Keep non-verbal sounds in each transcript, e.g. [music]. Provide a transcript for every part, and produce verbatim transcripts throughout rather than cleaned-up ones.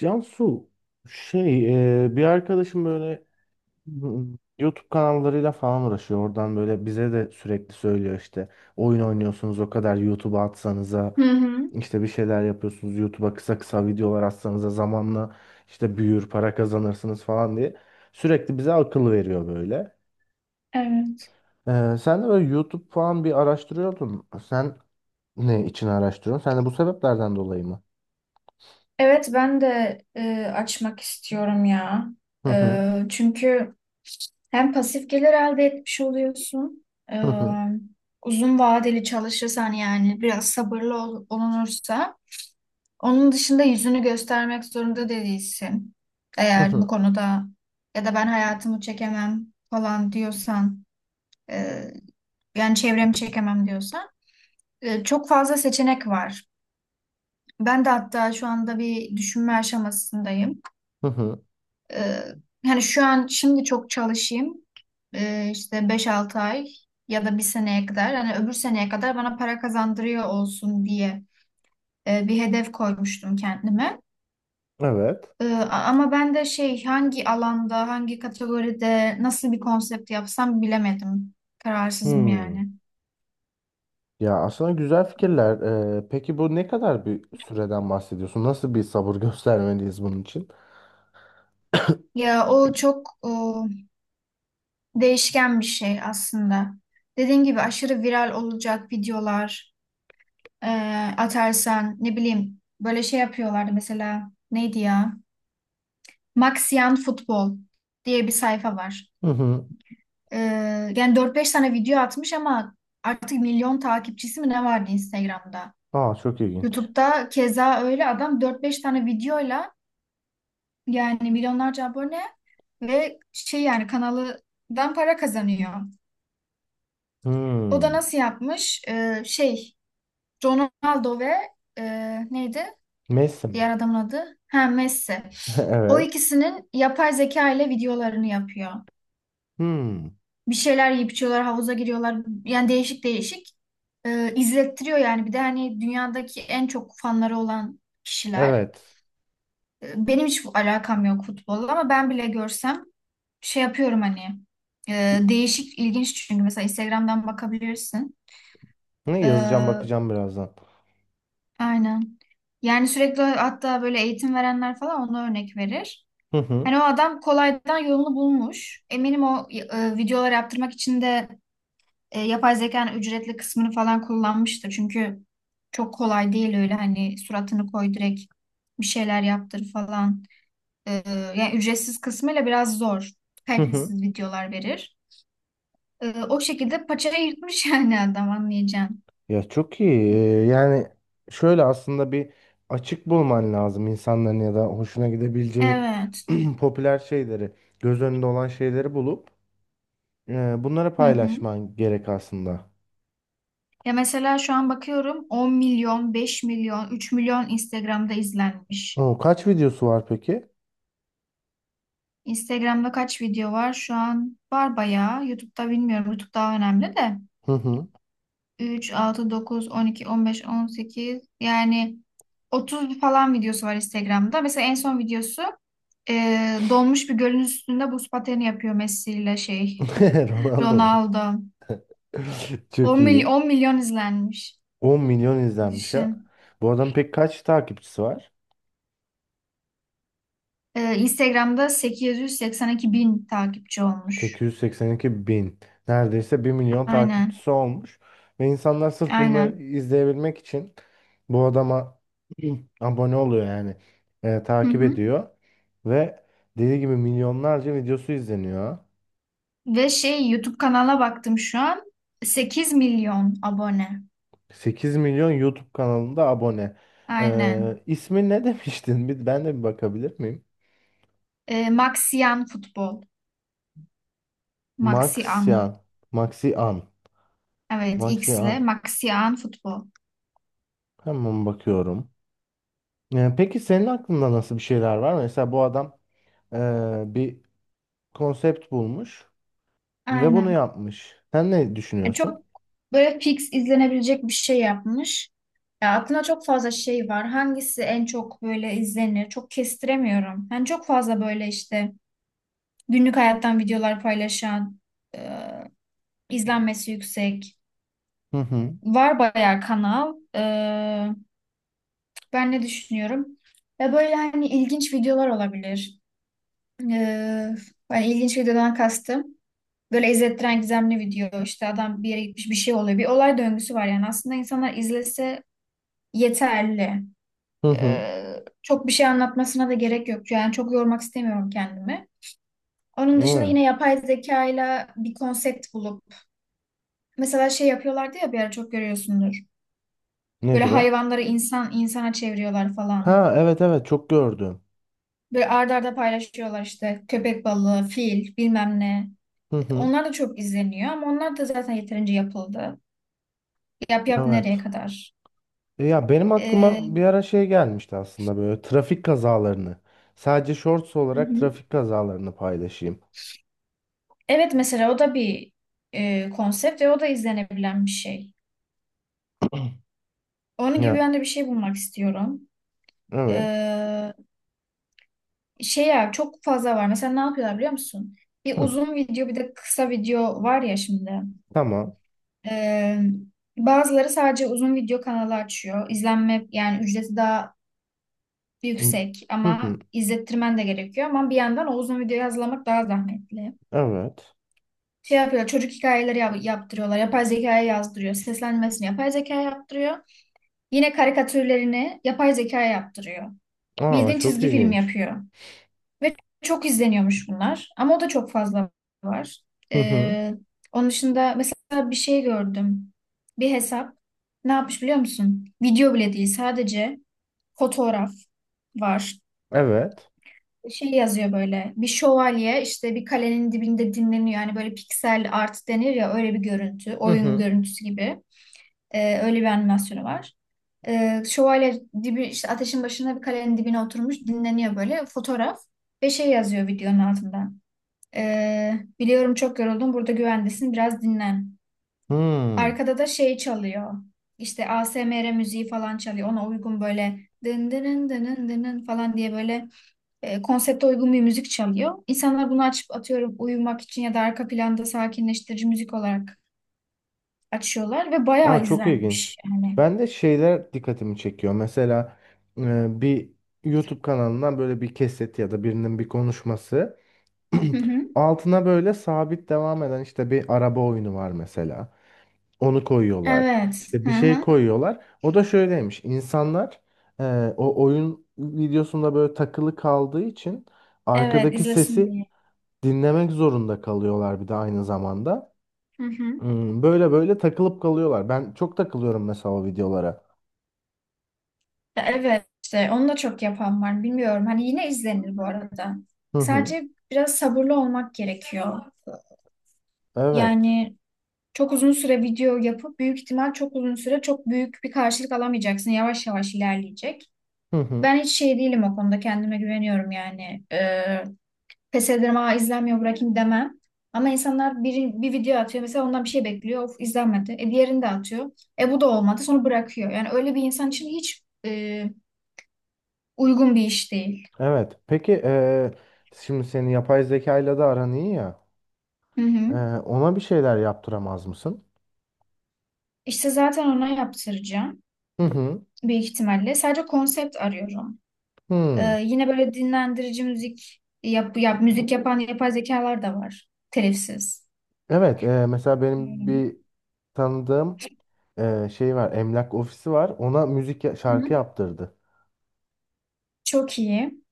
Cansu, şey e, bir arkadaşım böyle hmm, YouTube kanallarıyla falan uğraşıyor. Oradan böyle bize de sürekli söylüyor işte oyun oynuyorsunuz, o kadar YouTube'a atsanıza, Hı hı. işte bir şeyler yapıyorsunuz YouTube'a kısa kısa videolar atsanıza, zamanla işte büyür para kazanırsınız falan diye sürekli bize akıl veriyor böyle. Evet. E, sen de böyle YouTube falan bir araştırıyordun. Sen ne için araştırıyorsun? Sen de bu sebeplerden dolayı mı? Evet ben de e, açmak istiyorum ya. Hı hı E, çünkü hem pasif gelir elde etmiş oluyorsun. e, hı hı Uzun vadeli çalışırsan, yani biraz sabırlı ol- olunursa, onun dışında yüzünü göstermek zorunda da değilsin. hı Eğer bu hı. konuda ya da "Ben hayatımı çekemem" falan diyorsan, e, yani "Çevremi çekemem" diyorsan, e, çok fazla seçenek var. Ben de hatta şu anda bir düşünme aşamasındayım. Hı hı. Ee, Hani şu an, şimdi çok çalışayım, Ee, işte beş altı ay ya da bir seneye kadar, hani öbür seneye kadar bana para kazandırıyor olsun diye e, bir hedef koymuştum kendime. Evet. Ee, a- ama ben de şey, hangi alanda, hangi kategoride, nasıl bir konsept yapsam bilemedim. Kararsızım Hmm. yani. Ya aslında güzel fikirler. Ee, peki bu ne kadar bir süreden bahsediyorsun? Nasıl bir sabır [laughs] göstermeliyiz bunun için? Ya o çok o, değişken bir şey aslında. Dediğim gibi, aşırı viral olacak videolar e, atarsan, ne bileyim, böyle şey yapıyorlardı mesela, neydi ya? Maxian Futbol diye bir sayfa var. Hı hı. E, Yani dört beş tane video atmış ama artık milyon takipçisi mi ne vardı Instagram'da? Aa, çok ilginç. YouTube'da keza öyle, adam dört beş tane videoyla yani milyonlarca abone ve şey, yani kanalından para kazanıyor. O da Hmm. nasıl yapmış? E, şey, Ronaldo ve e, neydi Messi mi? diğer adamın adı? Ha, Messi. O [laughs] Evet. ikisinin yapay zeka ile videolarını yapıyor. Hmm. Bir şeyler yiyip içiyorlar, havuza giriyorlar. Yani değişik değişik. Ee, izlettiriyor yani. Bir de hani dünyadaki en çok fanları olan kişiler. Evet. Ee, benim hiç alakam yok futbolla, ama ben bile görsem şey yapıyorum hani. Ee, değişik, ilginç çünkü. Mesela Instagram'dan bakabilirsin. Ne yazacağım, Ee, bakacağım birazdan. aynen. Yani sürekli, hatta böyle eğitim verenler falan ona örnek verir. Hı hı. Hani o adam kolaydan yolunu bulmuş. Eminim o e, videolar yaptırmak için de e, yapay zekanın ücretli kısmını falan kullanmıştır. Çünkü çok kolay değil öyle, hani suratını koy, direkt bir şeyler yaptır falan. E, Yani ücretsiz kısmıyla biraz zor. Hı hı. Kalitesiz videolar verir. E, o şekilde paçayı yırtmış [laughs] yani adam, anlayacağım. Ya çok iyi. Ee, Yani şöyle, aslında bir açık bulman lazım insanların ya da hoşuna gidebileceği Evet. [clears throat] popüler şeyleri, göz önünde olan şeyleri bulup e, bunları Hı hı. paylaşman gerek aslında. Ya mesela şu an bakıyorum, 10 milyon, 5 milyon, 3 milyon Instagram'da izlenmiş. O kaç videosu var peki? Instagram'da kaç video var? Şu an var bayağı. YouTube'da bilmiyorum. YouTube daha önemli de. Hı hı. üç, altı, dokuz, on iki, on beş, on sekiz, yani otuz falan videosu var Instagram'da. Mesela en son videosu e, donmuş bir gölün üstünde buz pateni yapıyor Messi ile şey [laughs] [laughs] Ronaldo mu? Ronaldo. [laughs] on, Çok mily- iyi. 10 milyon izlenmiş. 10 milyon izlenmiş ha. Düşün. Bu adam pek kaç takipçisi var? E, Instagram'da 882 bin takipçi olmuş. 882 bin. Neredeyse bir milyon Aynen. takipçisi olmuş. Ve insanlar sırf bunları Aynen. izleyebilmek için bu adama [clears throat] abone oluyor yani. Ee, Hı takip hı. ediyor. Ve dediği gibi milyonlarca videosu izleniyor. Ve şey, YouTube kanala baktım şu an, sekiz milyon abone. 8 milyon YouTube kanalında abone. Aynen. Ee, ismi ne [laughs] demiştin? Bir, ben de bir bakabilir miyim? E, Maxian Futbol. Maxian. Maxian. Maxian. Evet, Maxian. X'le, Maxian Futbol. Hemen bakıyorum. Ee, peki senin aklında nasıl bir şeyler var? Mesela bu adam eee, bir konsept bulmuş ve bunu Aynen. yapmış. Sen ne E, düşünüyorsun? Çok böyle fix izlenebilecek bir şey yapmış. Ya aklımda çok fazla şey var. Hangisi en çok böyle izlenir, çok kestiremiyorum. Yani çok fazla böyle işte günlük hayattan videolar paylaşan, e, izlenmesi yüksek. Hı hı. Var bayağı kanal. E, ben ne düşünüyorum? Ya böyle hani ilginç videolar olabilir. Ee, Hani ilginç videodan kastım, böyle izlettiren gizemli video. İşte adam bir yere gitmiş, bir şey oluyor. Bir olay döngüsü var yani. Aslında insanlar izlese yeterli. Hı hı. Ee, çok bir şey anlatmasına da gerek yok. Yani çok yormak istemiyorum kendimi. Onun dışında Evet. yine yapay zekayla bir konsept bulup. Mesela şey yapıyorlardı ya, bir ara çok görüyorsundur. Böyle Nedir o? hayvanları insan insana çeviriyorlar falan. Ha evet, evet çok gördüm. Böyle arda arda paylaşıyorlar işte, köpek balığı, fil, bilmem ne. Hı hı. Onlar da çok izleniyor ama onlar da zaten yeterince yapıldı. Yap yap, nereye Evet. kadar? E Ya benim Ee, aklıma bir ara şey gelmişti aslında, böyle trafik kazalarını. Sadece shorts hı olarak hı. trafik kazalarını paylaşayım. Evet, mesela o da bir e, konsept ve o da izlenebilen bir şey. Onun gibi Ya ben de bir şey bulmak istiyorum. evet. Ee, Şey, ya çok fazla var. Mesela ne yapıyorlar biliyor musun? Bir Hı. uzun video, bir de kısa video var ya şimdi. Tamam. Ee, Bazıları sadece uzun video kanalı açıyor. İzlenme yani ücreti daha yüksek Hı hı. ama izlettirmen de gerekiyor. Ama bir yandan o uzun videoyu hazırlamak daha zahmetli. Evet. Şey yapıyor, çocuk hikayeleri yap- yaptırıyorlar. Yapay zekaya yazdırıyor. Seslenmesini yapay zekaya yaptırıyor. Yine karikatürlerini yapay zekaya yaptırıyor. Aa, Bildiğin çok çizgi film ilginç. yapıyor. Ve çok izleniyormuş bunlar. Ama o da çok fazla var. Hı hı. Ee, Onun dışında mesela bir şey gördüm. Bir hesap. Ne yapmış biliyor musun? Video bile değil. Sadece fotoğraf var. Evet. Şey yazıyor, böyle bir şövalye işte bir kalenin dibinde dinleniyor. Yani böyle piksel art denir ya, öyle bir görüntü. Hı Oyun hı. görüntüsü gibi. Ee, öyle bir animasyonu var. Ee, şövalye dibi işte ateşin başına, bir kalenin dibine oturmuş dinleniyor, böyle fotoğraf ve şey yazıyor videonun altından. Ee, "Biliyorum çok yoruldun, burada güvendesin, biraz dinlen." Hı. Arkada da şey çalıyor, İşte A S M R müziği falan çalıyor. Ona uygun böyle dın dın dın dın dın falan diye, böyle e, konsepte uygun bir müzik çalıyor. İnsanlar bunu açıp, atıyorum uyumak için ya da arka planda sakinleştirici müzik olarak açıyorlar ve Aa, bayağı çok ilginç. izlenmiş yani. Ben de şeyler dikkatimi çekiyor. Mesela e, bir YouTube kanalından böyle bir kesit ya da birinin bir konuşması. [clears throat] Hı hı. Altına böyle sabit devam eden işte bir araba oyunu var mesela. Onu koyuyorlar. Evet. İşte Hı bir şey hı. koyuyorlar. O da şöyleymiş. İnsanlar e, o oyun videosunda böyle takılı kaldığı için Evet, arkadaki izlesin sesi diye. dinlemek zorunda kalıyorlar bir de aynı zamanda. Hı hı. Hmm, böyle böyle takılıp kalıyorlar. Ben çok takılıyorum mesela o videolara. Ya evet, işte onu da çok yapan var bilmiyorum. Hani yine izlenir bu arada. Hı hı. Sadece biraz sabırlı olmak gerekiyor. Evet. Yani çok uzun süre video yapıp büyük ihtimal çok uzun süre çok büyük bir karşılık alamayacaksın. Yavaş yavaş ilerleyecek. Hı hı. Ben hiç şey değilim o konuda, kendime güveniyorum yani. Ee, pes ederim, "Aa izlenmiyor, bırakayım" demem. Ama insanlar bir, bir video atıyor mesela, ondan bir şey bekliyor, "Of izlenmedi." E, diğerini de atıyor. E, bu da olmadı, sonra bırakıyor. Yani öyle bir insan için hiç e, uygun bir iş değil. Evet. Peki eee, şimdi senin yapay zekayla da aran iyi ya. Hı Eee, hı. ona bir şeyler yaptıramaz mısın? İşte zaten ona yaptıracağım Hı hı. büyük ihtimalle. Sadece konsept arıyorum. Hmm. Ee, yine böyle dinlendirici müzik yap, yap müzik yapan yapay zekalar da var. Telifsiz. Evet. eee, mesela benim Hmm. bir tanıdığım eee, şey var. Emlak ofisi var. Ona müzik ya- Hı şarkı hı. yaptırdı. Çok iyi.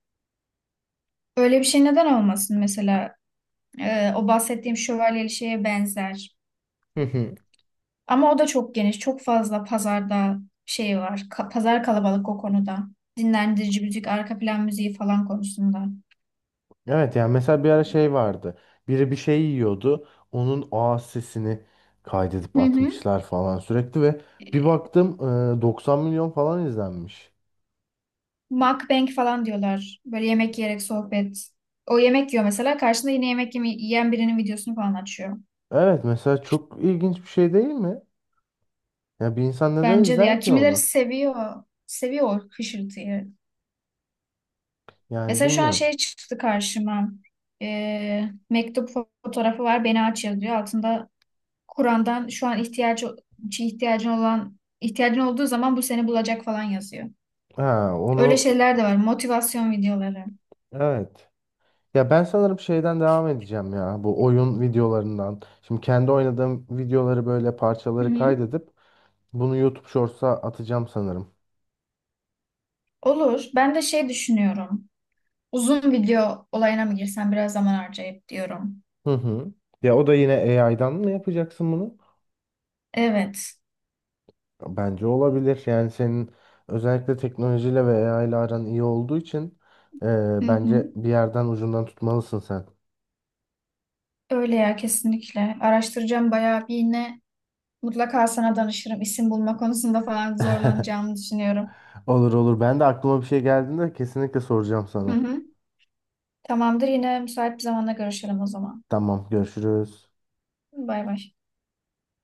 Öyle bir şey neden olmasın mesela? Ee, o bahsettiğim şövalyeli şeye benzer. [laughs] Ama o da çok geniş, çok fazla pazarda şey var. Ka- pazar kalabalık o konuda. Dinlendirici müzik, arka plan müziği falan konusunda. Evet yani, mesela bir ara şey vardı. Biri bir şey yiyordu. Onun ağız sesini kaydedip Hı hı. atmışlar falan sürekli ve bir Ee, baktım e, 90 milyon falan izlenmiş. Mukbang falan diyorlar. Böyle yemek yiyerek sohbet. O yemek yiyor mesela. Karşında yine yemek yeme- yiyen birinin videosunu falan açıyor. Evet mesela, çok ilginç bir şey değil mi? Ya bir insan neden Bence de ya. izler ki Kimileri onu? seviyor. Seviyor o hışırtıyı. Yani Mesela şu an bilmiyorum. şey çıktı karşıma. Ee, mektup fotoğrafı var, "Beni aç" yazıyor. Altında Kur'an'dan, şu an ihtiyacı şey ihtiyacın olan ihtiyacın olduğu zaman bu seni bulacak falan yazıyor. Ha onu Öyle şeyler de var. Motivasyon videoları. evet. Ya ben sanırım şeyden devam edeceğim ya, bu oyun videolarından. Şimdi kendi oynadığım videoları, böyle Hı parçaları hı. kaydedip bunu YouTube Shorts'a atacağım sanırım. Olur. Ben de şey düşünüyorum, uzun video olayına mı girsem biraz zaman harcayıp diyorum. Hı hı. Ya o da yine A I'dan mı yapacaksın bunu? Evet. Bence olabilir. Yani senin özellikle teknolojiyle ve A I ile aran iyi olduğu için Hı e, hı. bence bir yerden ucundan tutmalısın sen. Öyle ya, kesinlikle. Araştıracağım bayağı bir, yine mutlaka sana danışırım. İsim bulma konusunda falan [laughs] zorlanacağımı düşünüyorum. Olur olur. Ben de aklıma bir şey geldiğinde kesinlikle soracağım Hı sana. hı. Tamamdır. Yine müsait bir zamanda görüşelim o zaman. Tamam, görüşürüz. Bay bay.